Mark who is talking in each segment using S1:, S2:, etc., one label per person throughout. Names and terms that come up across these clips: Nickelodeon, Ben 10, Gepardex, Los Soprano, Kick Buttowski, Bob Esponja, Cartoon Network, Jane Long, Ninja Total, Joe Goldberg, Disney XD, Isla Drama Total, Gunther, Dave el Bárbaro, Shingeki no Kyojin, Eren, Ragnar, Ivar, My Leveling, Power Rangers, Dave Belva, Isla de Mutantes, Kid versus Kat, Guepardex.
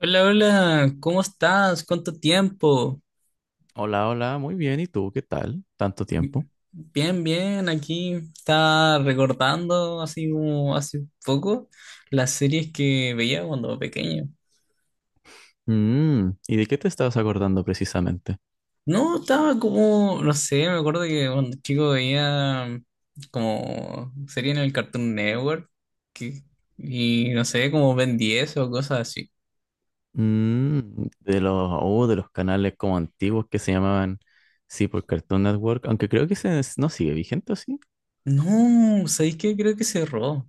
S1: Hola, hola, ¿cómo estás? ¿Cuánto tiempo?
S2: Hola, hola, muy bien. ¿Y tú qué tal? ¿Tanto tiempo?
S1: Bien, bien, aquí estaba recordando así como hace poco las series que veía cuando era pequeño.
S2: Mm, ¿y de qué te estabas acordando precisamente?
S1: No, estaba como, no sé, me acuerdo que cuando chico veía como serie en el Cartoon Network que- y no sé, como Ben 10 o cosas así.
S2: Mm, de los, oh, de los canales como antiguos que se llamaban, sí, por Cartoon Network, aunque creo que ese no sigue vigente, ¿o sí?
S1: No, ¿sabéis qué? Creo que cerró.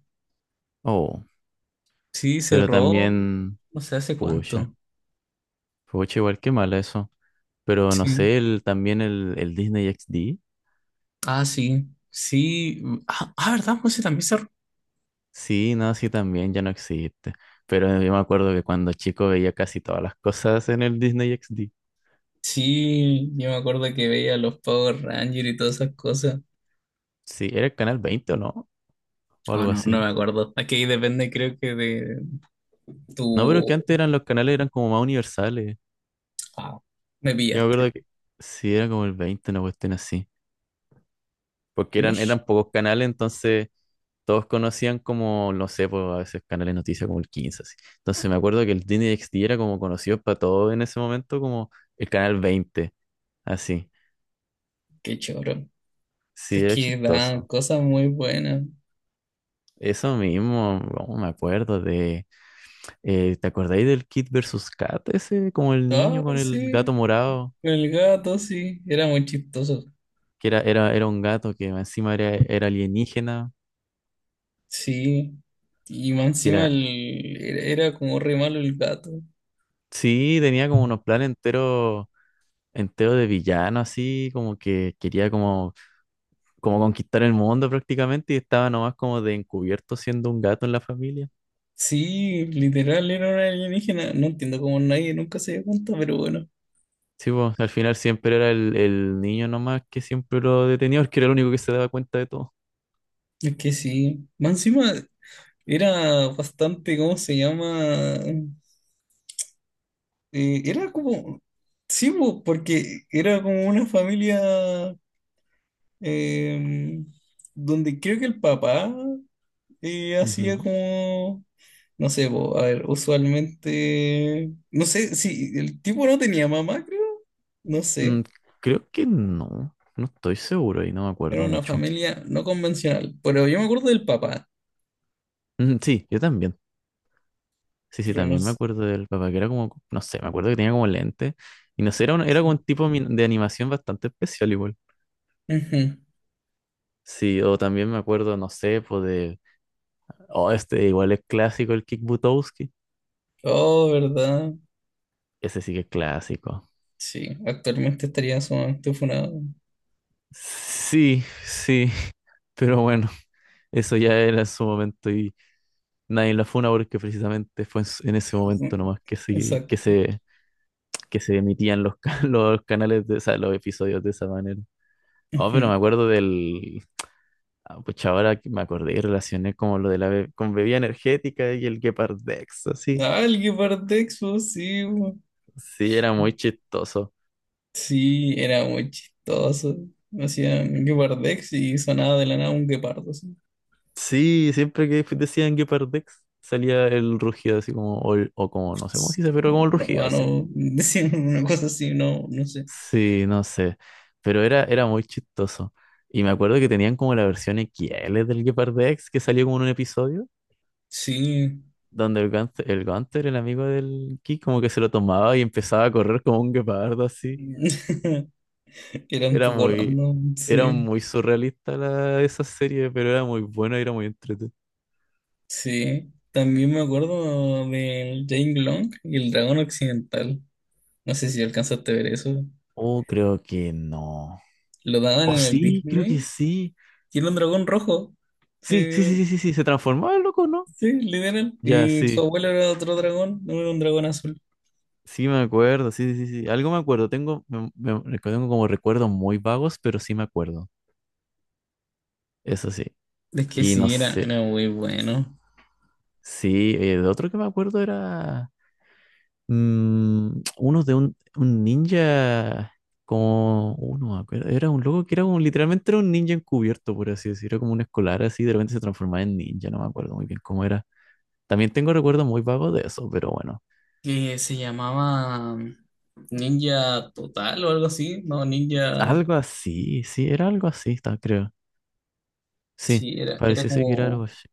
S2: Oh,
S1: Sí,
S2: pero
S1: cerró,
S2: también,
S1: no sé hace
S2: pucha,
S1: cuánto.
S2: pucha, igual que mal eso. Pero no
S1: Sí.
S2: sé, el Disney XD,
S1: Ah, sí, sí. Ah, ah, ¿verdad? Monse también se...
S2: sí, no, sí, también ya no existe. Pero yo me acuerdo que cuando chico veía casi todas las cosas en el Disney XD.
S1: Sí, yo me acuerdo que veía los Power Rangers y todas esas cosas.
S2: Sí, era el canal 20, ¿o no? O
S1: Oh,
S2: algo
S1: no, no me
S2: así.
S1: acuerdo. Aquí depende, creo que de
S2: No, pero es que
S1: tu...
S2: antes eran los canales eran como más universales.
S1: Wow, me
S2: Yo me
S1: pillaste.
S2: acuerdo que sí, era como el 20, una cuestión así. Porque eran,
S1: Mish,
S2: eran pocos canales, entonces todos conocían como, no sé, pues a veces canales de noticias como el 15, así. Entonces me acuerdo que el Disney XD era como conocido para todos en ese momento como el canal 20, así.
S1: qué choro.
S2: Sí,
S1: Es
S2: era
S1: que dan
S2: chistoso.
S1: cosas muy buenas.
S2: Eso mismo, oh, me acuerdo de... ¿te acordáis del Kid versus Kat ese? Como el
S1: Ah,
S2: niño con el
S1: sí,
S2: gato morado.
S1: el gato, sí, era muy chistoso.
S2: Que era un gato que encima era alienígena,
S1: Sí, y más
S2: que
S1: encima
S2: era,
S1: el... era era como re malo el gato.
S2: sí, tenía como unos planes enteros de villano, así, como que quería como, como conquistar el mundo prácticamente y estaba nomás como de encubierto siendo un gato en la familia.
S1: Sí, literal era una alienígena. No entiendo cómo nadie nunca se dio cuenta, pero bueno,
S2: Sí, pues, al final siempre era el niño nomás que siempre lo detenía, porque era el único que se daba cuenta de todo.
S1: es que sí. Más encima era bastante, ¿cómo se llama? Era como, sí, po, porque era como una familia eh, donde creo que el papá hacía
S2: Ujú.
S1: como, no sé, po, a ver, usualmente, no sé, si el tipo no tenía mamá, creo, no
S2: Mm,
S1: sé.
S2: creo que no estoy seguro y no me
S1: Era
S2: acuerdo
S1: una
S2: mucho.
S1: familia no convencional, pero yo me acuerdo del papá,
S2: Mm, sí, yo también. Sí, sí,
S1: pero no
S2: también me
S1: s-
S2: acuerdo del papá, que era como, no sé, me acuerdo que tenía como lente. Y no sé, era, era como
S1: sí.
S2: un tipo de animación bastante especial igual.
S1: Ujú.
S2: Sí, o también me acuerdo, no sé, pues de... Oh, este igual es clásico, el Kick Buttowski.
S1: Oh, ¿verdad?
S2: Ese sí que es clásico.
S1: Sí, actualmente estaría sumamente funado.
S2: Sí, sí, pero bueno, eso ya era en su momento y nadie la funa porque precisamente fue en ese momento
S1: Ujú.
S2: nomás
S1: Exacto.
S2: que se emitían los canales de, o sea, los episodios de esa manera. Oh,
S1: Ujú.
S2: pero me acuerdo del, ah, pues ahora que me acordé y relacioné como lo de la con bebida energética y el Gepardex, así.
S1: Ah, el Guepardex, pues, sí, po.
S2: Sí, era muy chistoso.
S1: Sí, era muy chistoso. Hacían Guepardex y sonaba de la nada un guepardo. Así.
S2: Sí, siempre que decían Gepardex salía el rugido así como, o, o como, no sé cómo
S1: Cuts.
S2: se dice, pero como el
S1: No,
S2: rugido
S1: ah,
S2: así.
S1: no, decían una cosa así, no, no sé.
S2: Sí, no sé. Pero era muy chistoso. Y me acuerdo que tenían como la versión XL del Gepardex que salió como en un episodio.
S1: Sí,
S2: Donde el Gunther, el amigo del Ki, como que se lo tomaba y empezaba a correr como un guepardo así.
S1: era un
S2: Era
S1: poco
S2: muy,
S1: random,
S2: era
S1: sí.
S2: muy surrealista esa serie, pero era muy buena y era muy entretenida.
S1: Sí, también me acuerdo del Jane Long y el dragón occidental. No sé si alcanzaste a ver eso.
S2: Oh, creo que no.
S1: Lo daban
S2: Oh,
S1: en el
S2: sí, creo que
S1: Disney
S2: sí.
S1: y era un dragón rojo.
S2: Sí, sí, sí,
S1: Sí,
S2: sí, sí, sí. Se transformaba el loco, ¿no?
S1: sí, literal.
S2: Ya,
S1: Y su
S2: sí.
S1: abuelo era otro dragón, no era un dragón azul.
S2: Sí, me acuerdo. Sí, sí, sí, sí. Algo me acuerdo. Tengo, tengo como recuerdos muy vagos, pero sí me acuerdo. Eso sí.
S1: Es que
S2: Y no
S1: sí, era,
S2: sé.
S1: era muy bueno.
S2: Sí, de otro que me acuerdo era. Mm, uno de un ninja, como uno, me acuerdo, era un loco que era literalmente era un ninja encubierto, por así decirlo, era como un escolar así, de repente se transformaba en ninja, no me acuerdo muy bien cómo era. También tengo recuerdos muy vagos de eso, pero bueno,
S1: Que se llamaba Ninja Total o algo así. No, Ninja.
S2: algo así, sí, era algo así, creo. Sí,
S1: Sí, era, era
S2: parecía ser que era algo
S1: como
S2: así,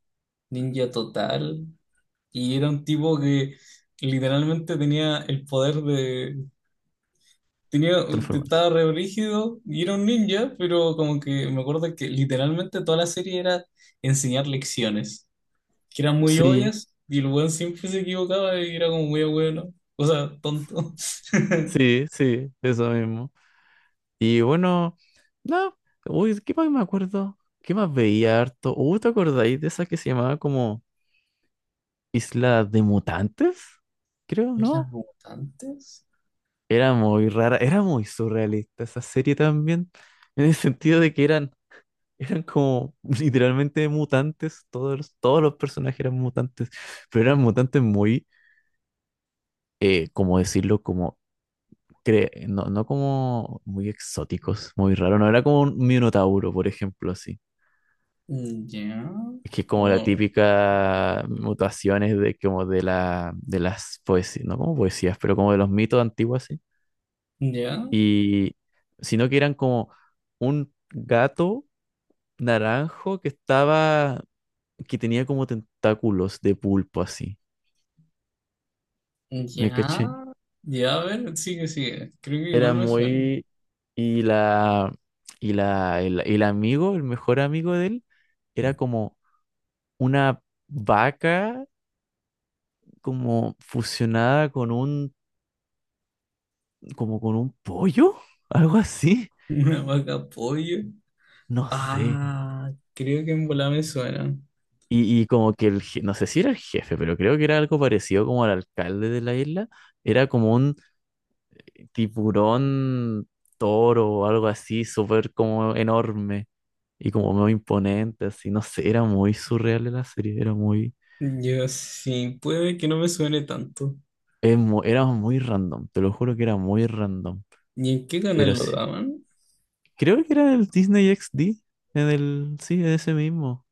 S1: Ninja Total. Y era un tipo que literalmente tenía el poder de Tenía,
S2: transformarse.
S1: estaba re brígido y era un ninja, pero como que me acuerdo que literalmente toda la serie era enseñar lecciones, que eran muy
S2: Sí,
S1: obvias y el weón siempre se equivocaba y era como muy bueno, o sea, tonto.
S2: sí, sí, eso mismo. Y bueno, no, uy, ¿qué más me acuerdo? ¿Qué más veía harto? ¿Te acordáis de esa que se llamaba como... Isla de Mutantes, creo,
S1: ¿Las
S2: ¿no?
S1: mutantes?
S2: Era muy rara, era muy surrealista esa serie también, en el sentido de que eran como literalmente mutantes, todos, todos los personajes eran mutantes, pero eran mutantes muy, como decirlo, como, no, no como muy exóticos, muy raros, no era como un minotauro, por ejemplo, así.
S1: Mm, ya,
S2: Es que es como la
S1: oh,
S2: típica mutaciones de como de la de las poesías, no como poesías, pero como de los mitos antiguos.
S1: ya,
S2: Y sino que eran como un gato naranjo que estaba, que tenía como tentáculos de pulpo así. ¿Me caché?
S1: ya, ya, a ver, sigue, sigue, creo que
S2: Era
S1: igual me suena.
S2: muy... Y la... Y la... el mejor amigo de él, era como una vaca como fusionada con un... como con un pollo, algo así.
S1: Una vaca pollo.
S2: No sé.
S1: Ah, creo que en bola me suena.
S2: Y como que el, no sé si era el jefe, pero creo que era algo parecido como al alcalde de la isla. Era como un tiburón toro o algo así, súper como enorme y como muy imponente, así. No sé, era muy surreal la serie, era muy,
S1: Yo sí, puede que no me suene tanto.
S2: era muy random, te lo juro que era muy random.
S1: ¿Y en qué
S2: Pero
S1: canal lo
S2: sí,
S1: daban?
S2: creo que era el Disney XD, en el, sí, en ese mismo.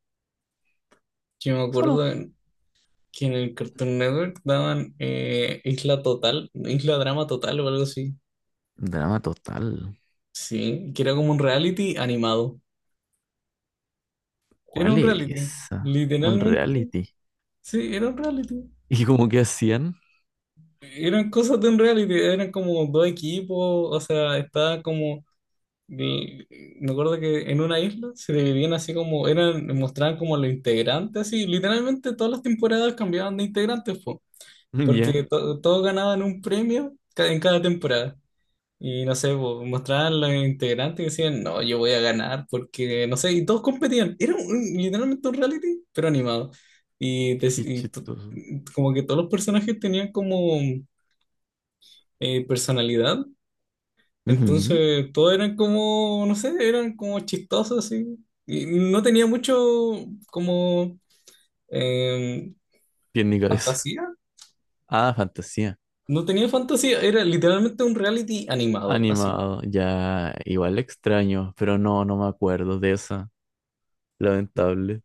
S1: Yo me
S2: Solo
S1: acuerdo en- Que en el Cartoon Network daban Isla Total, Isla Drama Total o algo así.
S2: drama total.
S1: Sí, que era como un reality animado. Era
S2: ¿Cuál
S1: un
S2: es
S1: reality,
S2: esa? Un
S1: literalmente.
S2: reality.
S1: Sí, era un reality.
S2: Y como que hacían,
S1: Eran cosas de un reality, eran como dos equipos, o sea, estaba como Y me acuerdo que en una isla se dividían así como, eran, mostraban como los integrantes, así, literalmente todas las temporadas cambiaban de integrantes, po,
S2: ya.
S1: porque todos ganaban un premio en cada temporada. Y no sé, po, mostraban los integrantes y decían, no, yo voy a ganar, porque no sé, y todos competían. Era literalmente un reality, pero animado. Y, te-
S2: Qué
S1: y to-
S2: chistoso.
S1: Como que todos los personajes tenían como personalidad,
S2: Ujú.
S1: entonces todos eran como, no sé, eran como chistosos, así. Y no tenía mucho como eh,
S2: Tiene cabeza.
S1: fantasía.
S2: Ah, fantasía.
S1: No tenía fantasía, era literalmente un reality animado, así.
S2: Animado. Ya, igual extraño, pero no, no me acuerdo de esa. Lamentable.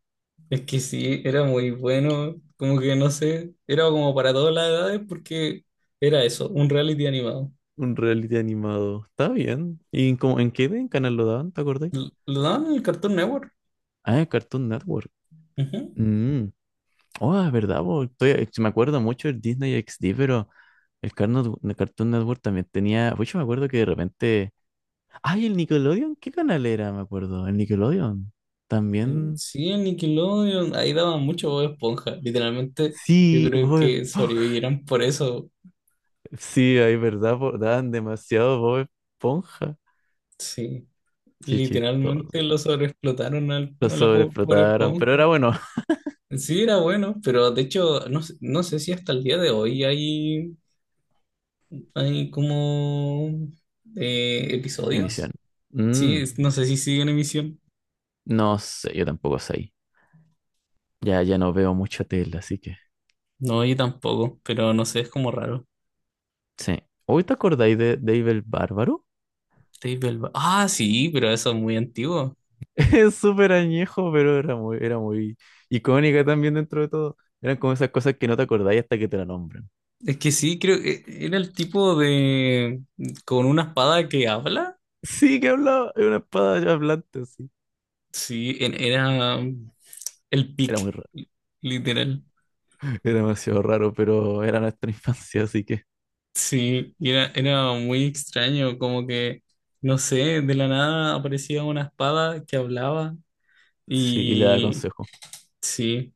S1: Es que sí, era muy bueno, como que no sé, era como para todas las edades porque era eso, un reality animado.
S2: Un reality animado. Está bien. ¿Y en, cómo- en qué en canal lo daban? ¿Te acordás?
S1: Lo daban en el Cartoon Network.
S2: Ah, en Cartoon Network.
S1: Ujú.
S2: Mm. Oh, es verdad, po. Me acuerdo mucho del Disney XD, pero el el Cartoon Network también tenía. Pues yo me acuerdo que de repente. ¡Ay, el Nickelodeon! ¿Qué canal era? Me acuerdo. El Nickelodeon. También.
S1: Sí, en Nickelodeon, ahí daban mucho Bob Esponja, literalmente yo
S2: Sí,
S1: creo
S2: Bob
S1: que
S2: Esponja.
S1: sobrevivieron por eso,
S2: Sí, ahí verdad, daban demasiado Bob Esponja.
S1: sí.
S2: Qué
S1: Literalmente
S2: chistoso.
S1: lo sobreexplotaron al,
S2: Lo
S1: a la pobre
S2: sobreexplotaron, pero
S1: esponja.
S2: era bueno.
S1: Sí, era bueno, pero de hecho, no, no sé si hasta el día de hoy hay, hay como
S2: Emisión.
S1: episodios. Sí,
S2: Mm,
S1: no sé si sigue en emisión.
S2: no sé, yo tampoco sé ahí. Ya, ya no veo mucha tele, así que.
S1: No, yo tampoco, pero no sé, es como raro.
S2: Sí. ¿Hoy te acordáis de Dave el Bárbaro?
S1: Ah, sí, pero eso es muy antiguo.
S2: Es súper añejo, pero era muy icónica también dentro de todo. Eran como esas cosas que no te acordáis hasta que te la nombran.
S1: Es que sí, creo que era el tipo de... con una espada que habla.
S2: Sí, que hablaba, era una espada hablante, sí.
S1: Sí, era el
S2: Era
S1: pic,
S2: muy raro.
S1: literal.
S2: Era demasiado raro, pero era nuestra infancia, así que
S1: Sí, y era, era muy extraño, como que, no sé, de la nada aparecía una espada que hablaba
S2: sí, y le da
S1: y
S2: consejo.
S1: sí,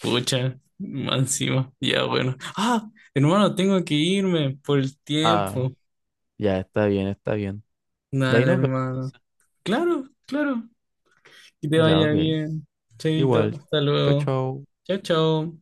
S1: pucha, más encima, ya bueno. Ah, hermano, tengo que irme por el
S2: Ah,
S1: tiempo.
S2: ya está bien, está bien. De ahí
S1: Dale,
S2: nos vemos
S1: hermano.
S2: entonces.
S1: Claro, claro, que te
S2: Ya,
S1: vaya
S2: ok.
S1: bien.
S2: Igual.
S1: Chaito, hasta
S2: Chau,
S1: luego.
S2: chau.
S1: Chao, chao.